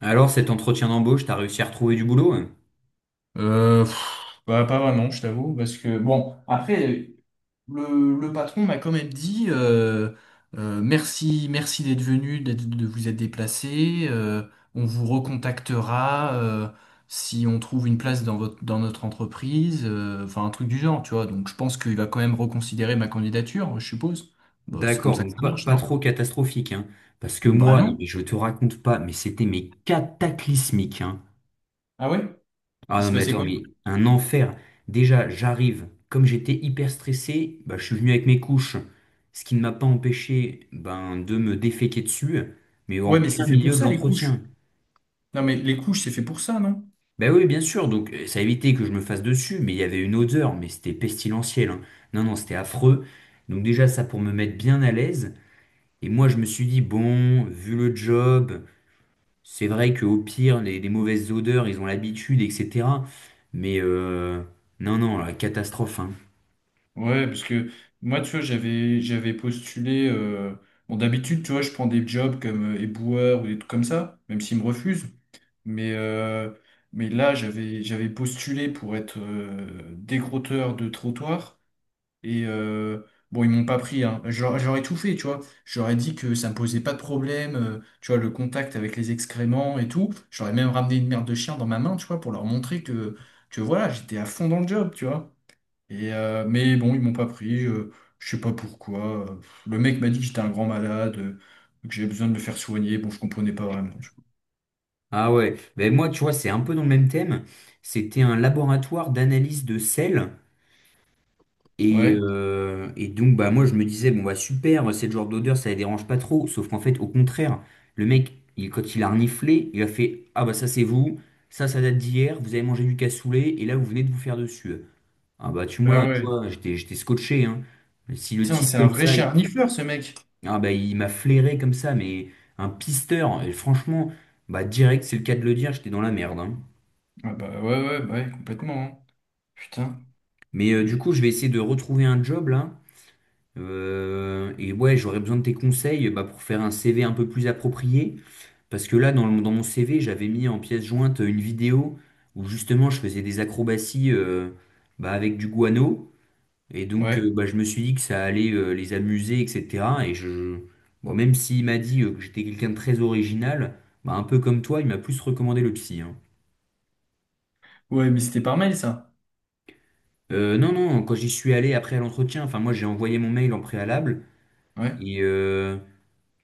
Alors, cet entretien d'embauche, t'as réussi à retrouver du boulot, hein? Pas vraiment, je t'avoue, parce que bon, après, le patron m'a quand même dit merci, merci d'être venu, de vous être déplacé. On vous recontactera si on trouve une place dans dans notre entreprise, enfin un truc du genre, tu vois. Donc je pense qu'il va quand même reconsidérer ma candidature, je suppose. Bah, c'est comme D'accord, ça que donc ça pas, marche, pas non? trop catastrophique, hein. Parce que Bah moi, non, mais non. je te raconte pas, mais c'était mais cataclysmique, hein. Ah ouais? Il Ah s'est non, mais passé attends, quoi? mais un enfer. Déjà, j'arrive, comme j'étais hyper stressé, bah, je suis venu avec mes couches, ce qui ne m'a pas empêché ben, de me déféquer dessus, mais Ouais, en mais c'est plein fait milieu pour de ça, les couches. l'entretien. Non, mais les couches, c'est fait pour ça, non? Ben oui, bien sûr, donc ça évitait que je me fasse dessus, mais il y avait une odeur, mais c'était pestilentiel, hein. Non, non, c'était affreux. Donc déjà, ça pour me mettre bien à l'aise. Et moi, je me suis dit, bon, vu le job, c'est vrai qu'au pire, les mauvaises odeurs, ils ont l'habitude, etc. Mais non, non, la catastrophe, hein. Ouais, parce que moi, tu vois, j'avais postulé. Bon, d'habitude, tu vois, je prends des jobs comme éboueur ou des trucs comme ça, même s'ils me refusent. Mais, euh, mais là, j'avais postulé pour être décrotteur de trottoir. Et euh, bon, ils m'ont pas pris. Hein. J'aurais tout fait, tu vois. J'aurais dit que ça me posait pas de problème, tu vois, le contact avec les excréments et tout. J'aurais même ramené une merde de chien dans ma main, tu vois, pour leur montrer que voilà, j'étais à fond dans le job, tu vois. Mais bon, ils m'ont pas pris, je sais pas pourquoi. Le mec m'a dit que j'étais un grand malade, que j'avais besoin de me faire soigner. Bon, je comprenais pas vraiment. Tu Ah ouais, ben moi, tu vois, c'est un peu dans le même thème. C'était un laboratoire d'analyse de sel. vois. Ouais, Et donc, bah, moi, je me disais, bon, bah, super, cette genre d'odeur, ça les dérange pas trop. Sauf qu'en fait, au contraire, le mec, il, quand il a reniflé, il a fait, ah, bah, ça, c'est vous, ça date d'hier, vous avez mangé du cassoulet, et là, vous venez de vous faire dessus. Ah, bah, ah tu ouais. vois, j'étais scotché, hein. Mais si le Putain, type, c'est un comme vrai ça, il, charnifleur, ce mec. ah, bah, il m'a flairé comme ça, mais un pisteur, et franchement, bah, direct, c'est le cas de le dire, j'étais dans la merde, hein. Ah bah ouais, ouais, bah ouais, complètement. Hein. Putain. Mais du Et- coup, je vais essayer de retrouver un job, là. Et ouais, j'aurais besoin de tes conseils bah, pour faire un CV un peu plus approprié. Parce que là, dans mon CV, j'avais mis en pièce jointe une vidéo où justement je faisais des acrobaties bah, avec du guano. Et donc, Ouais. bah, je me suis dit que ça allait les amuser, etc. Bon, même s'il m'a dit que j'étais quelqu'un de très original, bah, un peu comme toi, il m'a plus recommandé le psy, hein. Ouais, mais c'était par mail, ça. Non, non, quand j'y suis allé après à l'entretien, enfin, moi j'ai envoyé mon mail en préalable. Ouais. Et,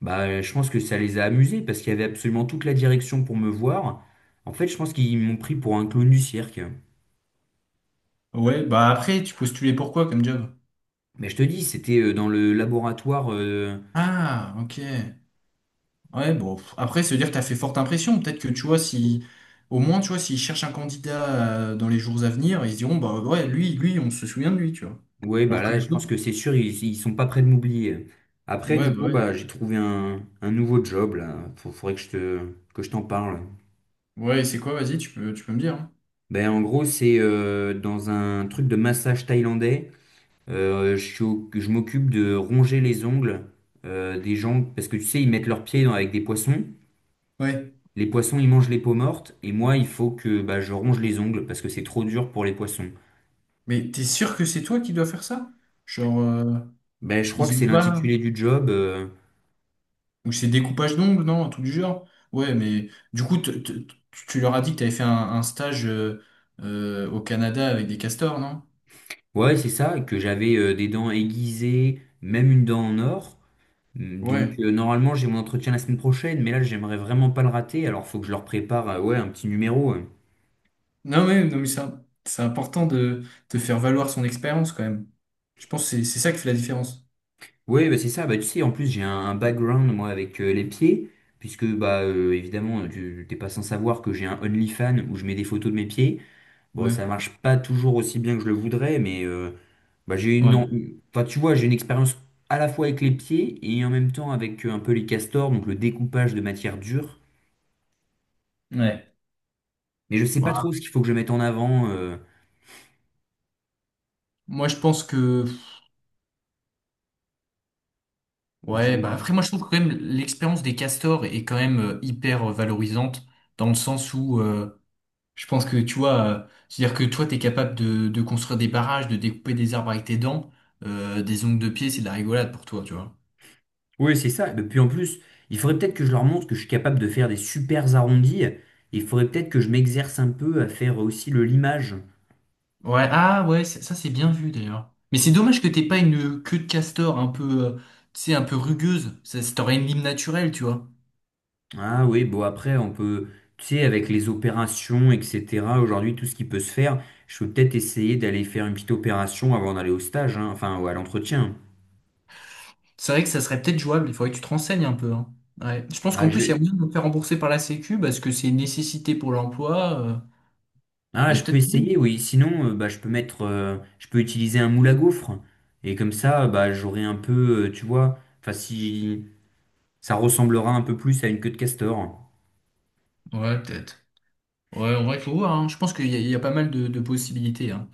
bah, je pense que ça les a amusés parce qu'il y avait absolument toute la direction pour me voir. En fait, je pense qu'ils m'ont pris pour un clown du cirque. Ouais, bah après, tu postulais pour quoi comme job? Mais je te dis, c'était dans le laboratoire. Ah, ok. Ouais, bon, après, se dire que t'as fait forte impression, peut-être que tu vois, si, au moins, tu vois, s'ils cherchent un candidat dans les jours à venir, ils se diront, bah ouais, lui, on se souvient de lui, tu vois. Ouais, bah Alors que là, les je pense autres, que c'est sûr, ils sont pas prêts de m'oublier. Après, ouais, du bah coup, ouais. bah, j'ai trouvé un nouveau job là. Faudrait que je te, que je t'en parle. Ouais, c'est quoi, vas-y, tu peux me dire. Hein. Ben, en gros, c'est dans un truc de massage thaïlandais. Je m'occupe de ronger les ongles des gens parce que tu sais, ils mettent leurs pieds avec des poissons. Ouais. Les poissons, ils mangent les peaux mortes, et moi, il faut que bah, je ronge les ongles parce que c'est trop dur pour les poissons. Mais t'es sûr que c'est toi qui dois faire ça? Genre, Ben, je crois que ils c'est ont pas. l'intitulé du job. Ou c'est découpage d'ongles, non, un truc du genre. Ouais, mais du coup, tu leur as dit que t'avais fait un stage au Canada avec des castors, non? Ouais, c'est ça, que j'avais des dents aiguisées, même une dent en or. Mm. Donc, Ouais. Normalement, j'ai mon entretien la semaine prochaine, mais là, j'aimerais vraiment pas le rater, alors faut que je leur prépare ouais, un petit numéro. Non, mais, non, mais c'est important de faire valoir son expérience quand même. Je pense que c'est ça qui fait la différence. Ouais, bah, c'est ça, bah, tu sais, en plus, j'ai un background, moi, avec les pieds, puisque, bah, évidemment, tu t'es pas sans savoir que j'ai un OnlyFans où je mets des photos de mes pieds. Bon, Ouais, ça marche pas toujours aussi bien que je le voudrais, mais bah, j'ai une, ouais, en- enfin, tu vois, j'ai une expérience à la fois avec les pieds et en même temps avec un peu les castors, donc le découpage de matière dure. ouais. Mais je sais pas trop Bah, ce qu'il faut que je mette en avant. Moi, je pense que. Ouais, bah Dis-moi. après, moi, je trouve que quand même l'expérience des castors est quand même hyper valorisante dans le sens où. Je pense que tu vois, c'est-à-dire que toi, t'es capable de construire des barrages, de découper des arbres avec tes dents, des ongles de pied, c'est de la rigolade pour toi, tu vois. Oui, c'est ça. Et puis en plus, il faudrait peut-être que je leur montre que je suis capable de faire des super arrondis. Il faudrait peut-être que je m'exerce un peu à faire aussi le limage. Ouais, ah ouais, ça c'est bien vu d'ailleurs. Mais c'est dommage que t'aies pas une queue de castor un peu, tu sais, un peu rugueuse. Ça t'aurait une lime naturelle, tu vois. Ah oui, bon après on peut, tu sais, avec les opérations, etc. Aujourd'hui, tout ce qui peut se faire, je peux peut-être essayer d'aller faire une petite opération avant d'aller au stage, hein, enfin ou à l'entretien. C'est vrai que ça serait peut-être jouable, il faudrait que tu te renseignes un peu, hein. Ouais. Je pense Bah, qu'en plus, il y a je... moyen de me faire rembourser par la Sécu parce que c'est une nécessité pour l'emploi. Il Ah, y a je peux peut-être moyen. essayer, oui. Sinon, je peux mettre, je peux utiliser un moule à gaufres. Et comme ça, bah, j'aurai un peu, tu vois, enfin si ça ressemblera un peu plus à une queue de castor. Ouais, peut-être. Ouais, en vrai, il faut voir, hein. Je pense qu'il y a pas mal de possibilités, hein.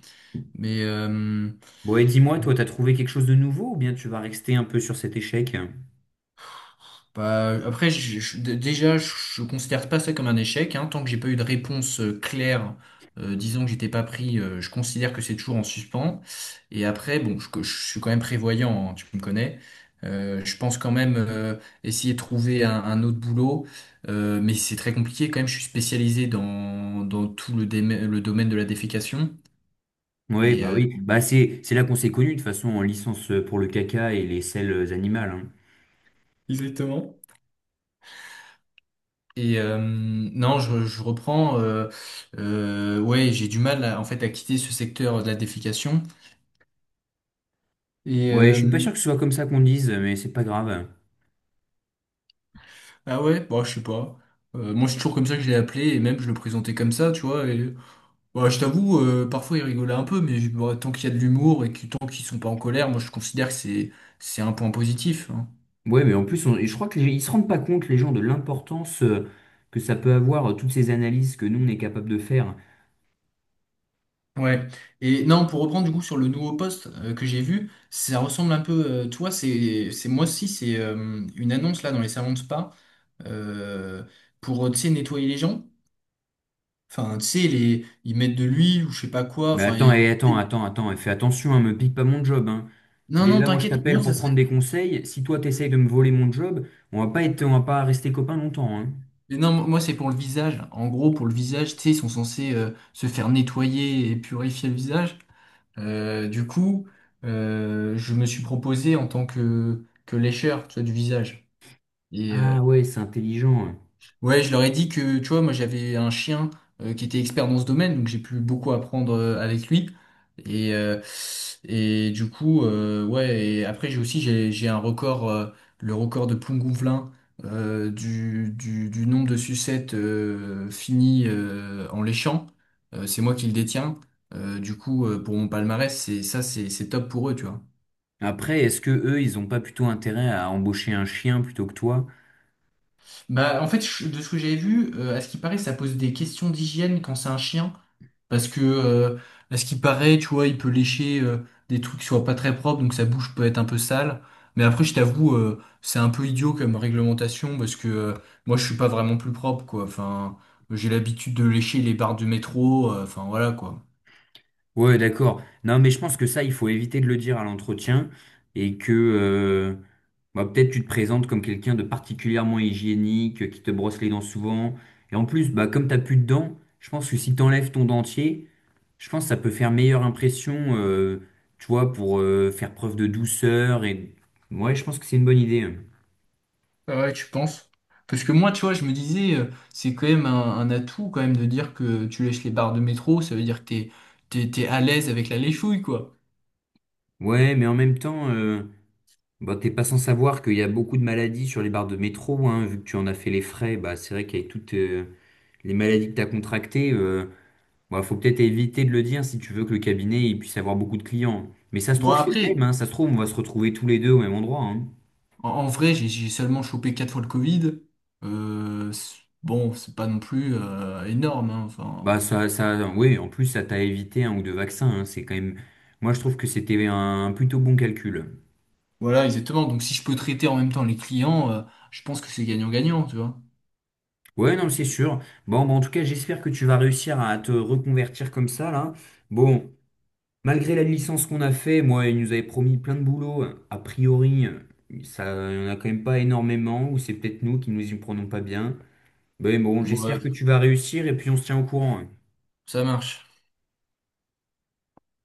Mais, euh, Bon, et dis-moi, toi, t'as trouvé quelque chose de nouveau ou bien tu vas rester un peu sur cet échec? Bah, après, je considère pas ça comme un échec, hein. Tant que j'ai pas eu de réponse claire, disant que j'étais pas pris, je considère que c'est toujours en suspens. Et après, bon, je suis quand même prévoyant, hein, tu me connais. Je pense quand même essayer de trouver un autre boulot, mais c'est très compliqué quand même. Je suis spécialisé dans tout le, le domaine de la défécation. Et, euh, Oui. Bah c'est là qu'on s'est connus de toute façon en licence pour le caca et les selles animales, hein. Exactement. Non, je reprends. Ouais, j'ai du mal à- en fait à quitter ce secteur de la défécation. Et Ouais, je euh, suis pas sûr que ce soit comme ça qu'on dise, mais c'est pas grave. ah ouais, bah je sais pas. Moi, c'est toujours comme ça que je l'ai appelé et même je le présentais comme ça, tu vois. Et bah, je t'avoue, parfois il rigolait un peu, mais bah, tant qu'il y a de l'humour et que tant qu'ils sont pas en colère, moi je considère que c'est un point positif. Hein. Ouais, mais en plus, je crois que ils se rendent pas compte les gens de l'importance que ça peut avoir toutes ces analyses que nous on est capable de faire. Ouais. Et non, pour reprendre du coup sur le nouveau poste que j'ai vu, ça ressemble un peu. Tu vois, c'est moi aussi, c'est une annonce là dans les salons de spa. euh, pour, tu sais, nettoyer les gens. Enfin, tu sais, les, ils mettent de l'huile ou je sais pas quoi. Mais attends, et attends, attends, attends, et fais attention, hein, me pique pas mon job, hein. Non, Dès non, là, moi je t'inquiète, t'appelle moi, pour ça serait... prendre des conseils. Si toi t'essayes de me voler mon job, on va pas être, on va pas rester copains longtemps, hein. Mais non, moi, c'est pour le visage. En gros, pour le visage, tu sais, ils sont censés se faire nettoyer et purifier le visage. Euh, du coup, je me suis proposé en tant que lécheur, tu vois, du visage. Et, euh, Ah ouais, c'est intelligent. Ouais, je leur ai dit que, tu vois, moi j'avais un chien qui était expert dans ce domaine, donc j'ai pu beaucoup apprendre avec lui. Et, euh, et du coup, ouais, et après j'ai un record, le record de Plougonvelin du, du nombre de sucettes finies en léchant. C'est moi qui le détiens. Pour mon palmarès, c'est ça, c'est top pour eux, tu vois. Après, est-ce que eux, ils ont pas plutôt intérêt à embaucher un chien plutôt que toi? Bah, en fait, de ce que j'avais vu, à ce qui paraît, ça pose des questions d'hygiène quand c'est un chien. Parce que, euh, à ce qui paraît, tu vois, il peut lécher des trucs qui soient pas très propres, donc sa bouche peut être un peu sale. Mais après, je t'avoue, c'est un peu idiot comme réglementation, parce que moi, je suis pas vraiment plus propre, quoi. Enfin, j'ai l'habitude de lécher les barres de métro, enfin, voilà, quoi. Ouais, d'accord. Non, mais je pense que ça, il faut éviter de le dire à l'entretien et que bah, peut-être tu te présentes comme quelqu'un de particulièrement hygiénique, qui te brosse les dents souvent. Et en plus, bah, comme t'as plus de dents, je pense que si t'enlèves ton dentier, je pense que ça peut faire meilleure impression, tu vois, pour faire preuve de douceur. Et ouais, je pense que c'est une bonne idée, hein. Ah ouais, tu penses? Parce que moi, tu vois, je me disais, c'est quand même un atout, quand même, de dire que tu lèches les barres de métro, ça veut dire que t'es à l'aise avec la léchouille, quoi. Ouais, mais en même temps, bah t'es pas sans savoir qu'il y a beaucoup de maladies sur les barres de métro, hein, vu que tu en as fait les frais, bah c'est vrai qu'avec toutes les maladies que t'as contractées, bah, faut peut-être éviter de le dire si tu veux que le cabinet il puisse avoir beaucoup de clients. Mais ça se Bon, trouve, c'est le après, même, hein, ça se trouve, on va se retrouver tous les deux au même endroit, hein. en, en vrai, j'ai seulement chopé 4 fois le Covid. Bon, c'est pas non plus énorme. Hein. Bah Enfin, ça, ça, oui, en plus, ça t'a évité un ou deux vaccins, hein, c'est quand même. Moi, je trouve que c'était un plutôt bon calcul. voilà, exactement. Donc si je peux traiter en même temps les clients, je pense que c'est gagnant-gagnant, tu vois. Ouais, non, c'est sûr. Bon, bah, en tout cas, j'espère que tu vas réussir à te reconvertir comme ça, là. Bon, malgré la licence qu'on a fait, moi, ils nous avaient promis plein de boulot. A priori, ça, il y en a quand même pas énormément, ou c'est peut-être nous qui nous y prenons pas bien. Mais bon, Ouais, j'espère que tu vas réussir et puis on se tient au courant, hein. ça marche.